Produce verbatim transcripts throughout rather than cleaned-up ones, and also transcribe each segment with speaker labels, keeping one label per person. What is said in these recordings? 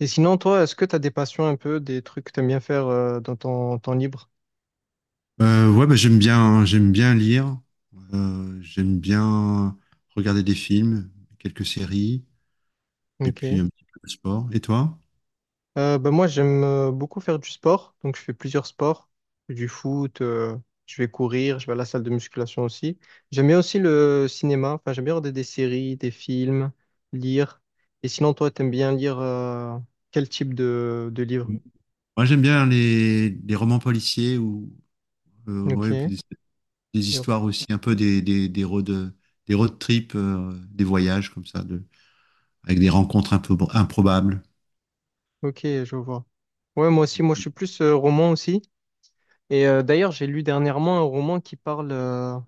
Speaker 1: Et sinon, toi, est-ce que tu as des passions un peu, des trucs que tu aimes bien faire euh, dans ton temps libre?
Speaker 2: Euh, ouais, bah, j'aime bien, j'aime bien lire, euh, j'aime bien regarder des films, quelques séries, et puis
Speaker 1: Ok.
Speaker 2: un petit peu de sport. Et toi?
Speaker 1: Euh, ben moi, j'aime euh, beaucoup faire du sport. Donc, je fais plusieurs sports. Du foot, euh, je vais courir, je vais à la salle de musculation aussi. J'aime bien aussi le cinéma. Enfin, j'aime bien regarder des séries, des films, lire. Et sinon, toi, tu aimes bien lire euh, quel type de, de livre?
Speaker 2: Moi, j'aime bien les, les romans policiers ou euh, ouais,
Speaker 1: Ok.
Speaker 2: puis des, des histoires aussi, un peu des, des, des road, des road trips, euh, des voyages comme ça, de, avec des rencontres un peu improbables.
Speaker 1: Ok, je vois. Ouais, moi aussi, moi, je suis plus euh, roman aussi. Et euh, d'ailleurs, j'ai lu dernièrement un roman qui parle. euh,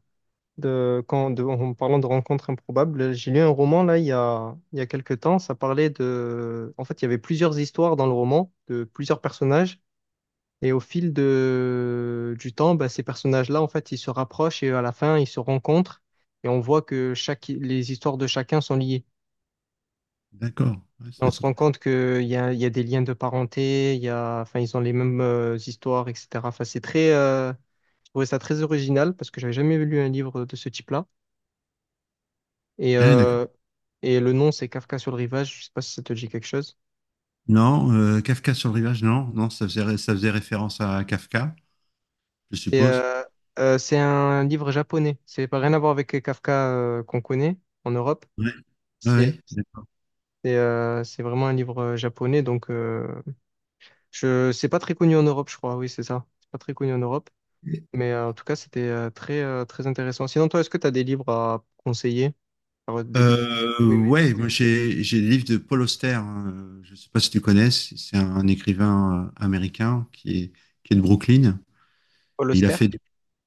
Speaker 1: de, quand, de- en parlant de rencontres improbables, j'ai lu un roman là il y a, il y a quelques temps. Ça parlait de, en fait, il y avait plusieurs histoires dans le roman de plusieurs personnages, et au fil de du temps, bah, ces personnages-là, en fait, ils se rapprochent et à la fin, ils se rencontrent, et on voit que chaque, les histoires de chacun sont liées.
Speaker 2: D'accord, ouais, ça
Speaker 1: Et
Speaker 2: doit
Speaker 1: on
Speaker 2: être
Speaker 1: se
Speaker 2: sympa.
Speaker 1: rend compte qu'il y a, il y a des liens de parenté, il y a, enfin, ils ont les mêmes euh, histoires, et cétéra. Enfin, c'est très, euh, je trouvais ça très original parce que j'avais jamais lu un livre de ce type-là. Et, Ouais.
Speaker 2: Ouais, d'accord.
Speaker 1: euh, et le nom, c'est Kafka sur le rivage. Je sais pas si ça te dit quelque chose.
Speaker 2: Non, euh, Kafka sur le rivage, non, non, ça faisait, ça faisait référence à Kafka, je
Speaker 1: C'est
Speaker 2: suppose.
Speaker 1: euh, euh, c'est un livre japonais. C'est pas rien à voir avec Kafka euh, qu'on connaît en Europe.
Speaker 2: Ouais.
Speaker 1: C'est
Speaker 2: Ouais,
Speaker 1: c'est euh, c'est vraiment un livre euh, japonais. Donc, euh, je c'est pas très connu en Europe, je crois. Oui, c'est ça. C'est pas très connu en Europe.
Speaker 2: ouais.
Speaker 1: Mais euh, en tout cas, c'était euh, très euh, très intéressant. Sinon, toi, est-ce que tu as des livres à conseiller? Alors, des livres.
Speaker 2: Euh,
Speaker 1: Oui, mais
Speaker 2: ouais, moi j'ai j'ai des livres de Paul Auster. Hein. Je sais pas si tu connais. C'est c'est un écrivain euh, américain qui est qui est de Brooklyn.
Speaker 1: Paul
Speaker 2: Et il a
Speaker 1: Auster.
Speaker 2: fait des,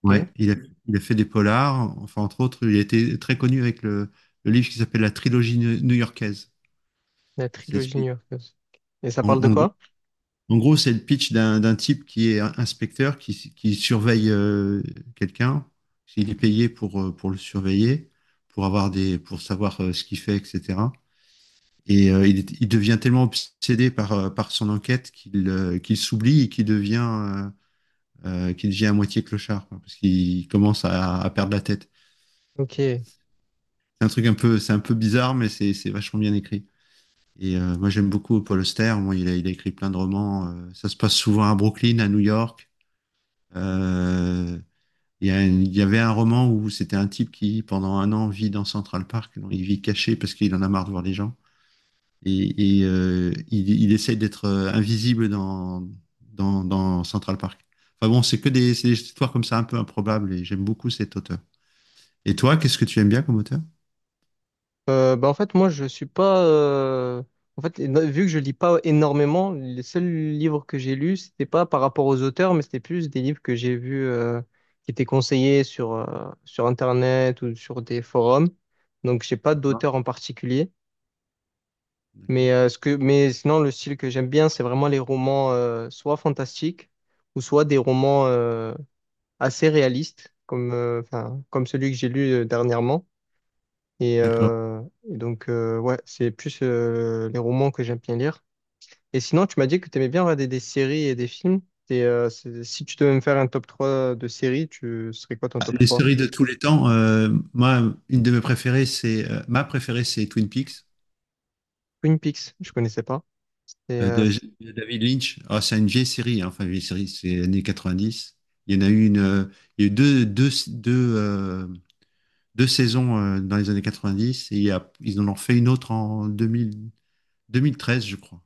Speaker 2: Ouais,
Speaker 1: Ok.
Speaker 2: il a il a fait des polars. Enfin entre autres, il a été très connu avec le, le livre qui s'appelle La trilogie new- new-yorkaise.
Speaker 1: La
Speaker 2: Et c'est
Speaker 1: trilogie new-yorkaise. Et ça
Speaker 2: en,
Speaker 1: parle de
Speaker 2: en gros
Speaker 1: quoi?
Speaker 2: en gros c'est le pitch d'un d'un type qui est un- inspecteur qui qui surveille euh, quelqu'un. Il est payé pour euh, pour le surveiller, pour avoir des pour savoir euh, ce qu'il fait, et cetera. Et euh, il, est- il devient tellement obsédé par, euh, par son enquête qu'il euh, qu'il s'oublie et qu'il devient, euh, euh, qu'il devient à moitié clochard, quoi, parce qu'il commence à, à perdre la tête.
Speaker 1: Ok.
Speaker 2: C'est un truc un peu, c'est un peu bizarre, mais c'est c'est vachement bien écrit. Et euh, moi, j'aime beaucoup Paul Auster. Moi, il a, il a écrit plein de romans. euh, ça se passe souvent à Brooklyn, à New York. Euh, il y a une- il y avait un roman où c'était un type qui, pendant un an, vit dans Central Park. Donc, il vit caché parce qu'il en a marre de voir les gens. et, et, euh, il, il essaie d'être euh, invisible dans, dans, dans Central Park. Enfin bon, c'est que des, c'est des histoires comme ça un peu improbables et j'aime beaucoup cet auteur. Et toi, qu'est-ce que tu aimes bien comme auteur?
Speaker 1: Euh, bah en fait, moi, je suis pas. Euh, En fait, éno- vu que je lis pas énormément, les seuls livres que j'ai lus, c'était pas par rapport aux auteurs, mais c'était plus des livres que j'ai vus euh, qui étaient conseillés sur, euh, sur Internet ou sur des forums. Donc, j'ai pas
Speaker 2: D'accord.
Speaker 1: d'auteur en particulier.
Speaker 2: D'accord.
Speaker 1: Mais, euh, ce que... mais sinon, le style que j'aime bien, c'est vraiment les romans euh, soit fantastiques ou soit des romans euh, assez réalistes, comme, euh, enfin, comme celui que j'ai lu euh, dernièrement. Et,
Speaker 2: D'accord.
Speaker 1: euh, et donc, euh, ouais, c'est plus euh, les romans que j'aime bien lire. Et sinon, tu m'as dit que tu aimais bien regarder des séries et des films. Et, euh, c'est- si tu devais me faire un top trois de séries, tu ce serait quoi ton
Speaker 2: Ah,
Speaker 1: top
Speaker 2: Les
Speaker 1: trois.
Speaker 2: séries de tous les temps, euh, moi, une de mes préférées, c'est euh, ma préférée, c'est Twin Peaks
Speaker 1: Twin Peaks, je connaissais pas. Et,
Speaker 2: euh,
Speaker 1: euh,
Speaker 2: de,
Speaker 1: c-
Speaker 2: de David Lynch. Ah, c'est une vieille série, hein. Enfin, vieille série, c'est années quatre-vingt-dix. Il y en a eu une, euh, il y a eu deux, deux, deux, euh, deux saisons euh, dans les années quatre-vingt-dix et il y a- ils en ont fait une autre en deux mille vingt treize, je crois.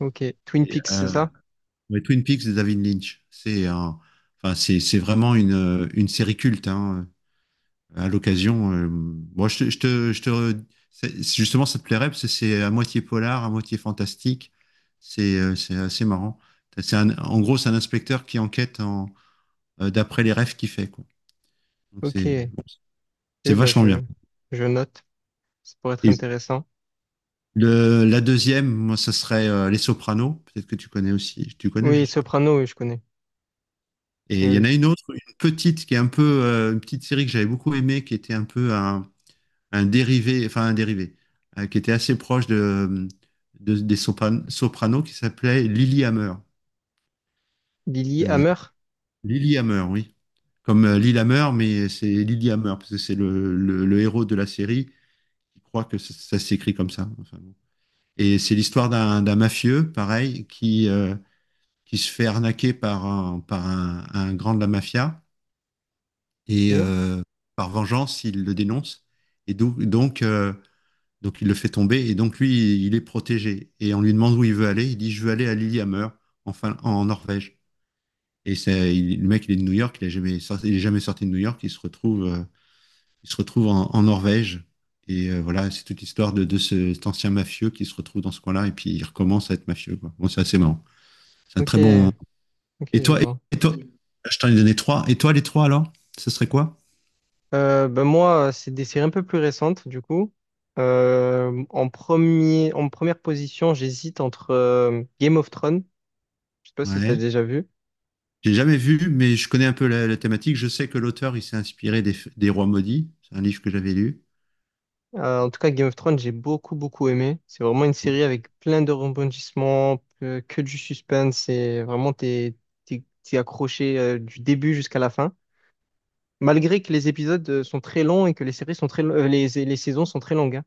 Speaker 1: ok, Twin
Speaker 2: Et,
Speaker 1: Peaks, c'est
Speaker 2: euh,
Speaker 1: ça?
Speaker 2: ouais, Twin Peaks de David Lynch. C'est un- enfin, c'est, c'est vraiment une, euh, une série culte. Hein. À l'occasion, euh, moi, je te, je te, je te- c'est- justement, ça te plairait parce que c'est à moitié polar, à moitié fantastique. C'est euh, c'est assez marrant. C'est un- en gros, c'est un inspecteur qui enquête en, euh, d'après les rêves qu'il fait, quoi. Donc c'est
Speaker 1: Ok, ok,
Speaker 2: c'est
Speaker 1: bah
Speaker 2: vachement bien.
Speaker 1: je, je note. Ça pourrait être
Speaker 2: Et
Speaker 1: intéressant.
Speaker 2: le, la deuxième, moi, ça serait euh, Les Sopranos. Peut-être que tu connais aussi. Tu connais, je
Speaker 1: Oui,
Speaker 2: suppose.
Speaker 1: Soprano, oui, je connais.
Speaker 2: Et
Speaker 1: Oui,
Speaker 2: il y en
Speaker 1: oui.
Speaker 2: a une autre, une petite, qui est un peu euh, une petite série que j'avais beaucoup aimée, qui était un peu un, un dérivé, enfin un dérivé, euh, qui était assez proche de, de- des Sopran- Sopranos, qui s'appelait Lilyhammer.
Speaker 1: Billy
Speaker 2: Euh,
Speaker 1: Hammer.
Speaker 2: Lilyhammer, oui. Comme euh, Lilyhammer, mais c'est Lilyhammer, parce que c'est le, le, le héros de la série qui croit que ça, ça s'écrit comme ça. Enfin, bon. Et c'est l'histoire d'un d'un mafieux, pareil, qui, euh, qui se fait arnaquer par un, par un, un grand de la mafia et
Speaker 1: Ok,
Speaker 2: euh, par vengeance, il le dénonce et do- donc, euh, donc il le fait tomber et donc lui, il est protégé. Et on lui demande où il veut aller, il dit je veux aller à Lillehammer en, Fin- en Norvège. Et c'est, il- le mec, il est de New York, il n'est jamais, sorti- il est jamais sorti de New York, il se retrouve, euh, il se retrouve en, en Norvège. Et euh, voilà, c'est toute l'histoire de, de ce- cet ancien mafieux qui se retrouve dans ce coin-là et puis il recommence à être mafieux, quoi. Bon, c'est assez marrant. C'est un
Speaker 1: ok,
Speaker 2: très bon,
Speaker 1: ok,
Speaker 2: Et
Speaker 1: je
Speaker 2: toi,
Speaker 1: vois.
Speaker 2: et toi je t'en ai donné trois. Et toi, les trois, alors ce serait quoi?
Speaker 1: Euh, ben moi, c'est des séries un peu plus récentes, du coup. Euh, en premier, en première position, j'hésite entre euh, Game of Thrones. Je sais pas si tu as
Speaker 2: Ouais.
Speaker 1: déjà vu.
Speaker 2: J'ai jamais vu, mais je connais un peu la, la thématique. Je sais que l'auteur, il s'est inspiré des, des Rois maudits. C'est un livre que j'avais lu.
Speaker 1: Euh, en tout cas, Game of Thrones, j'ai beaucoup, beaucoup aimé. C'est vraiment une
Speaker 2: Ouais,
Speaker 1: série avec plein de rebondissements, que, que du suspense. C'est vraiment, t'es, t'es, t'es accroché euh, du début jusqu'à la fin. Malgré que les épisodes euh, sont très longs et que les séries sont très, lo- euh, les, les saisons sont très longues, hein.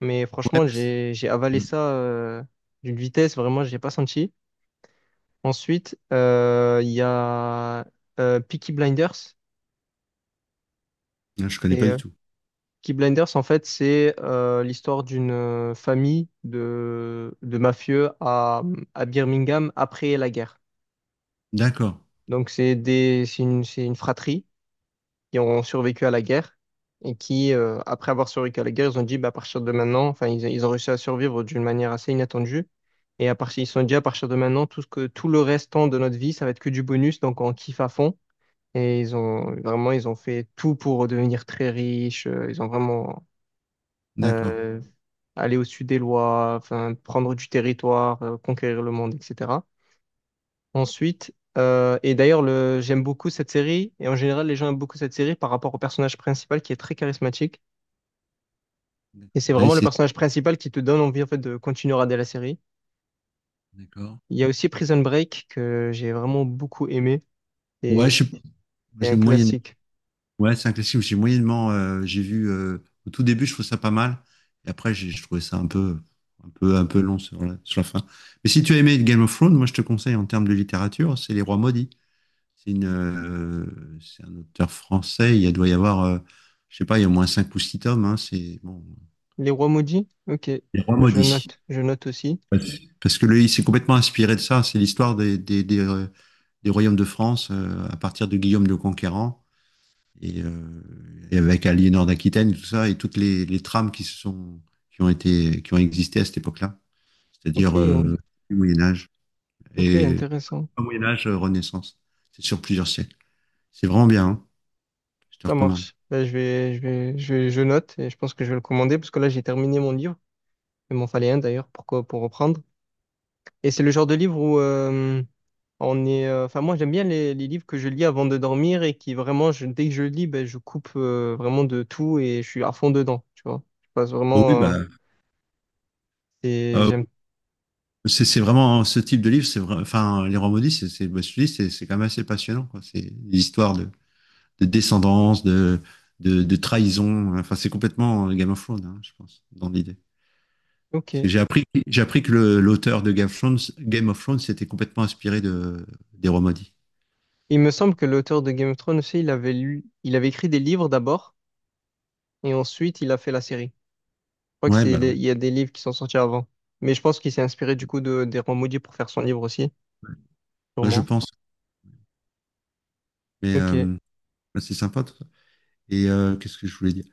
Speaker 1: Mais
Speaker 2: ouais,
Speaker 1: franchement,
Speaker 2: mais c'est-
Speaker 1: j'ai, j'ai avalé
Speaker 2: Hmm.
Speaker 1: ça euh, d'une vitesse, vraiment, j'ai pas senti. Ensuite, euh, il y a euh, Peaky Blinders.
Speaker 2: Non, je connais
Speaker 1: Et
Speaker 2: pas du
Speaker 1: euh,
Speaker 2: tout.
Speaker 1: Peaky Blinders, en fait, c'est euh, l'histoire d'une euh, famille de, de mafieux à, à Birmingham après la guerre.
Speaker 2: D'accord,
Speaker 1: Donc, c'est des, c'est une, c'est une fratrie qui ont survécu à la guerre et qui, euh, après avoir survécu à la guerre, ils ont dit, bah, à partir de maintenant, enfin, ils, ils ont réussi à survivre d'une manière assez inattendue. Et à partir, ils se sont dit, à partir de maintenant, tout ce que, tout le restant de notre vie, ça va être que du bonus, donc on kiffe à fond. Et ils ont vraiment, ils ont fait tout pour devenir très riches. euh, Ils ont vraiment
Speaker 2: d'accord.
Speaker 1: euh, aller au sud des lois, enfin, prendre du territoire, euh, conquérir le monde, et cétéra. Ensuite, euh, et d'ailleurs, le, j'aime beaucoup cette série, et en général, les gens aiment beaucoup cette série par rapport au personnage principal qui est très charismatique. Et c'est
Speaker 2: D'accord. Ouais,
Speaker 1: vraiment le
Speaker 2: c'est
Speaker 1: personnage principal qui te donne envie en fait, de continuer à regarder la série.
Speaker 2: d'accord.
Speaker 1: Il y a aussi Prison Break que j'ai vraiment beaucoup aimé,
Speaker 2: Ouais, je
Speaker 1: et
Speaker 2: sais pas. Moi,
Speaker 1: c'est
Speaker 2: j'ai
Speaker 1: un
Speaker 2: moyenne-
Speaker 1: classique.
Speaker 2: Ouais, c'est un classique. J'ai moyennement, euh, j'ai vu euh, au tout début, je trouve ça pas mal. Et après, j'ai je trouvais ça un peu, un peu, un peu, long sur la, sur la fin. Mais si tu as aimé Game of Thrones, moi, je te conseille en termes de littérature, c'est Les Rois maudits. C'est une, euh, c'est un auteur français. Il y a- doit y avoir, euh, je sais pas, il y a au moins cinq ou six tomes. Hein. C'est bon,
Speaker 1: Les Rois Maudits? Ok,
Speaker 2: Les Rois
Speaker 1: ben, je
Speaker 2: maudits.
Speaker 1: note, je note aussi.
Speaker 2: Parce Parce que lui, il s'est complètement inspiré de ça. C'est l'histoire des, des, des, euh, des royaumes de France euh, à partir de Guillaume le Conquérant et, euh, et avec Aliénor d'Aquitaine, tout ça, et toutes les, les trames qui se sont, qui ont été, qui ont existé à cette époque-là.
Speaker 1: Ok,
Speaker 2: C'est-à-dire euh, du Moyen Âge
Speaker 1: ok,
Speaker 2: et
Speaker 1: intéressant.
Speaker 2: pas Moyen Âge, euh, Renaissance. C'est sur plusieurs siècles. C'est vraiment bien. Hein. Je te
Speaker 1: Ça
Speaker 2: recommande.
Speaker 1: marche. Là, je vais, je vais, je vais- je note, et je pense que je vais le commander, parce que là, j'ai terminé mon livre. Il m'en fallait un d'ailleurs pour, co- pour reprendre. Et c'est le genre de livre où euh, on est. euh, enfin, moi, j'aime bien les, les livres que je lis avant de dormir et qui vraiment, je- dès que je lis, ben, je coupe euh, vraiment de tout et je suis à fond dedans. Tu vois, je passe
Speaker 2: Oh oui,
Speaker 1: vraiment. Euh,
Speaker 2: bah,
Speaker 1: et j'aime.
Speaker 2: C'est c'est vraiment hein, ce type de livre, c'est vrai, enfin les rois maudits, c'est c'est bah, je te dis, c'est c'est quand même assez passionnant quoi. C'est des histoires de, de descendance, de, de de trahison. Enfin c'est complètement euh, Game of Thrones, hein, je pense, dans l'idée. Parce
Speaker 1: Ok.
Speaker 2: que j'ai appris j'ai appris que le- l'auteur de Game of Thrones, Game of Thrones, s'était complètement inspiré de des rois maudits.
Speaker 1: Il me semble que l'auteur de Game of Thrones aussi, il avait lu, il avait écrit des livres d'abord et ensuite il a fait la série. Je crois que
Speaker 2: Ouais
Speaker 1: c'est,
Speaker 2: bah
Speaker 1: les-
Speaker 2: ouais,
Speaker 1: il y a des livres qui sont sortis avant. Mais je pense qu'il s'est inspiré du coup de, des Rois Maudits pour faire son livre aussi,
Speaker 2: Ouais, je
Speaker 1: sûrement.
Speaker 2: pense. Mais
Speaker 1: Ok.
Speaker 2: euh, bah, c'est sympa tout ça. Et euh, qu'est-ce que je voulais dire?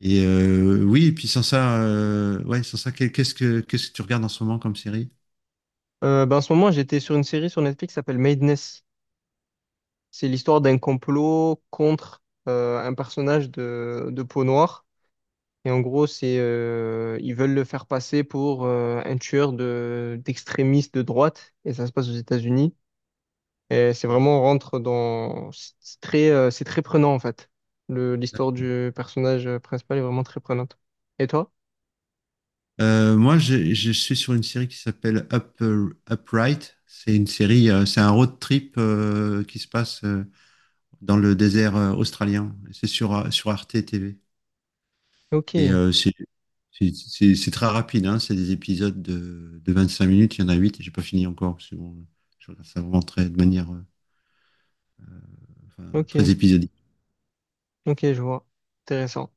Speaker 2: Et euh, oui, et puis sans ça, euh, ouais, sans ça, quel- qu'est-ce que qu'est-ce que tu regardes en ce moment comme série?
Speaker 1: Euh, ben, en ce moment, j'étais sur une série sur Netflix qui s'appelle Madness. C'est l'histoire d'un complot contre euh, un personnage de, de peau noire. Et en gros, c'est euh, ils veulent le faire passer pour euh, un tueur de d'extrémistes de droite. Et ça se passe aux États-Unis. Et c'est
Speaker 2: D'accord.
Speaker 1: vraiment on rentre dans c'est très euh, c'est très prenant en fait. Le L'histoire du personnage principal est vraiment très prenante. Et toi?
Speaker 2: Euh, moi, je, je suis sur une série qui s'appelle Up, euh, Upright. C'est une série, euh, c'est un road trip euh, qui se passe euh, dans le désert euh, australien. C'est sur euh, sur Arte T V. Et
Speaker 1: Ok,
Speaker 2: euh, c'est c'est- c'est- c'est très rapide, hein. C'est des épisodes de, de vingt-cinq minutes, il y en a huit et j'ai pas fini encore, parce que bon, je regarde ça vraiment très, de manière euh, enfin, très
Speaker 1: ok,
Speaker 2: épisodique.
Speaker 1: ok, je vois. Intéressant.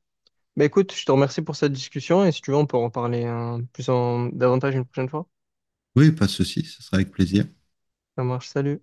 Speaker 1: Bah écoute, je te remercie pour cette discussion et si tu veux, on peut en parler hein, plus en davantage une prochaine fois.
Speaker 2: Oui, pas de souci, ce sera avec plaisir.
Speaker 1: Ça marche, salut.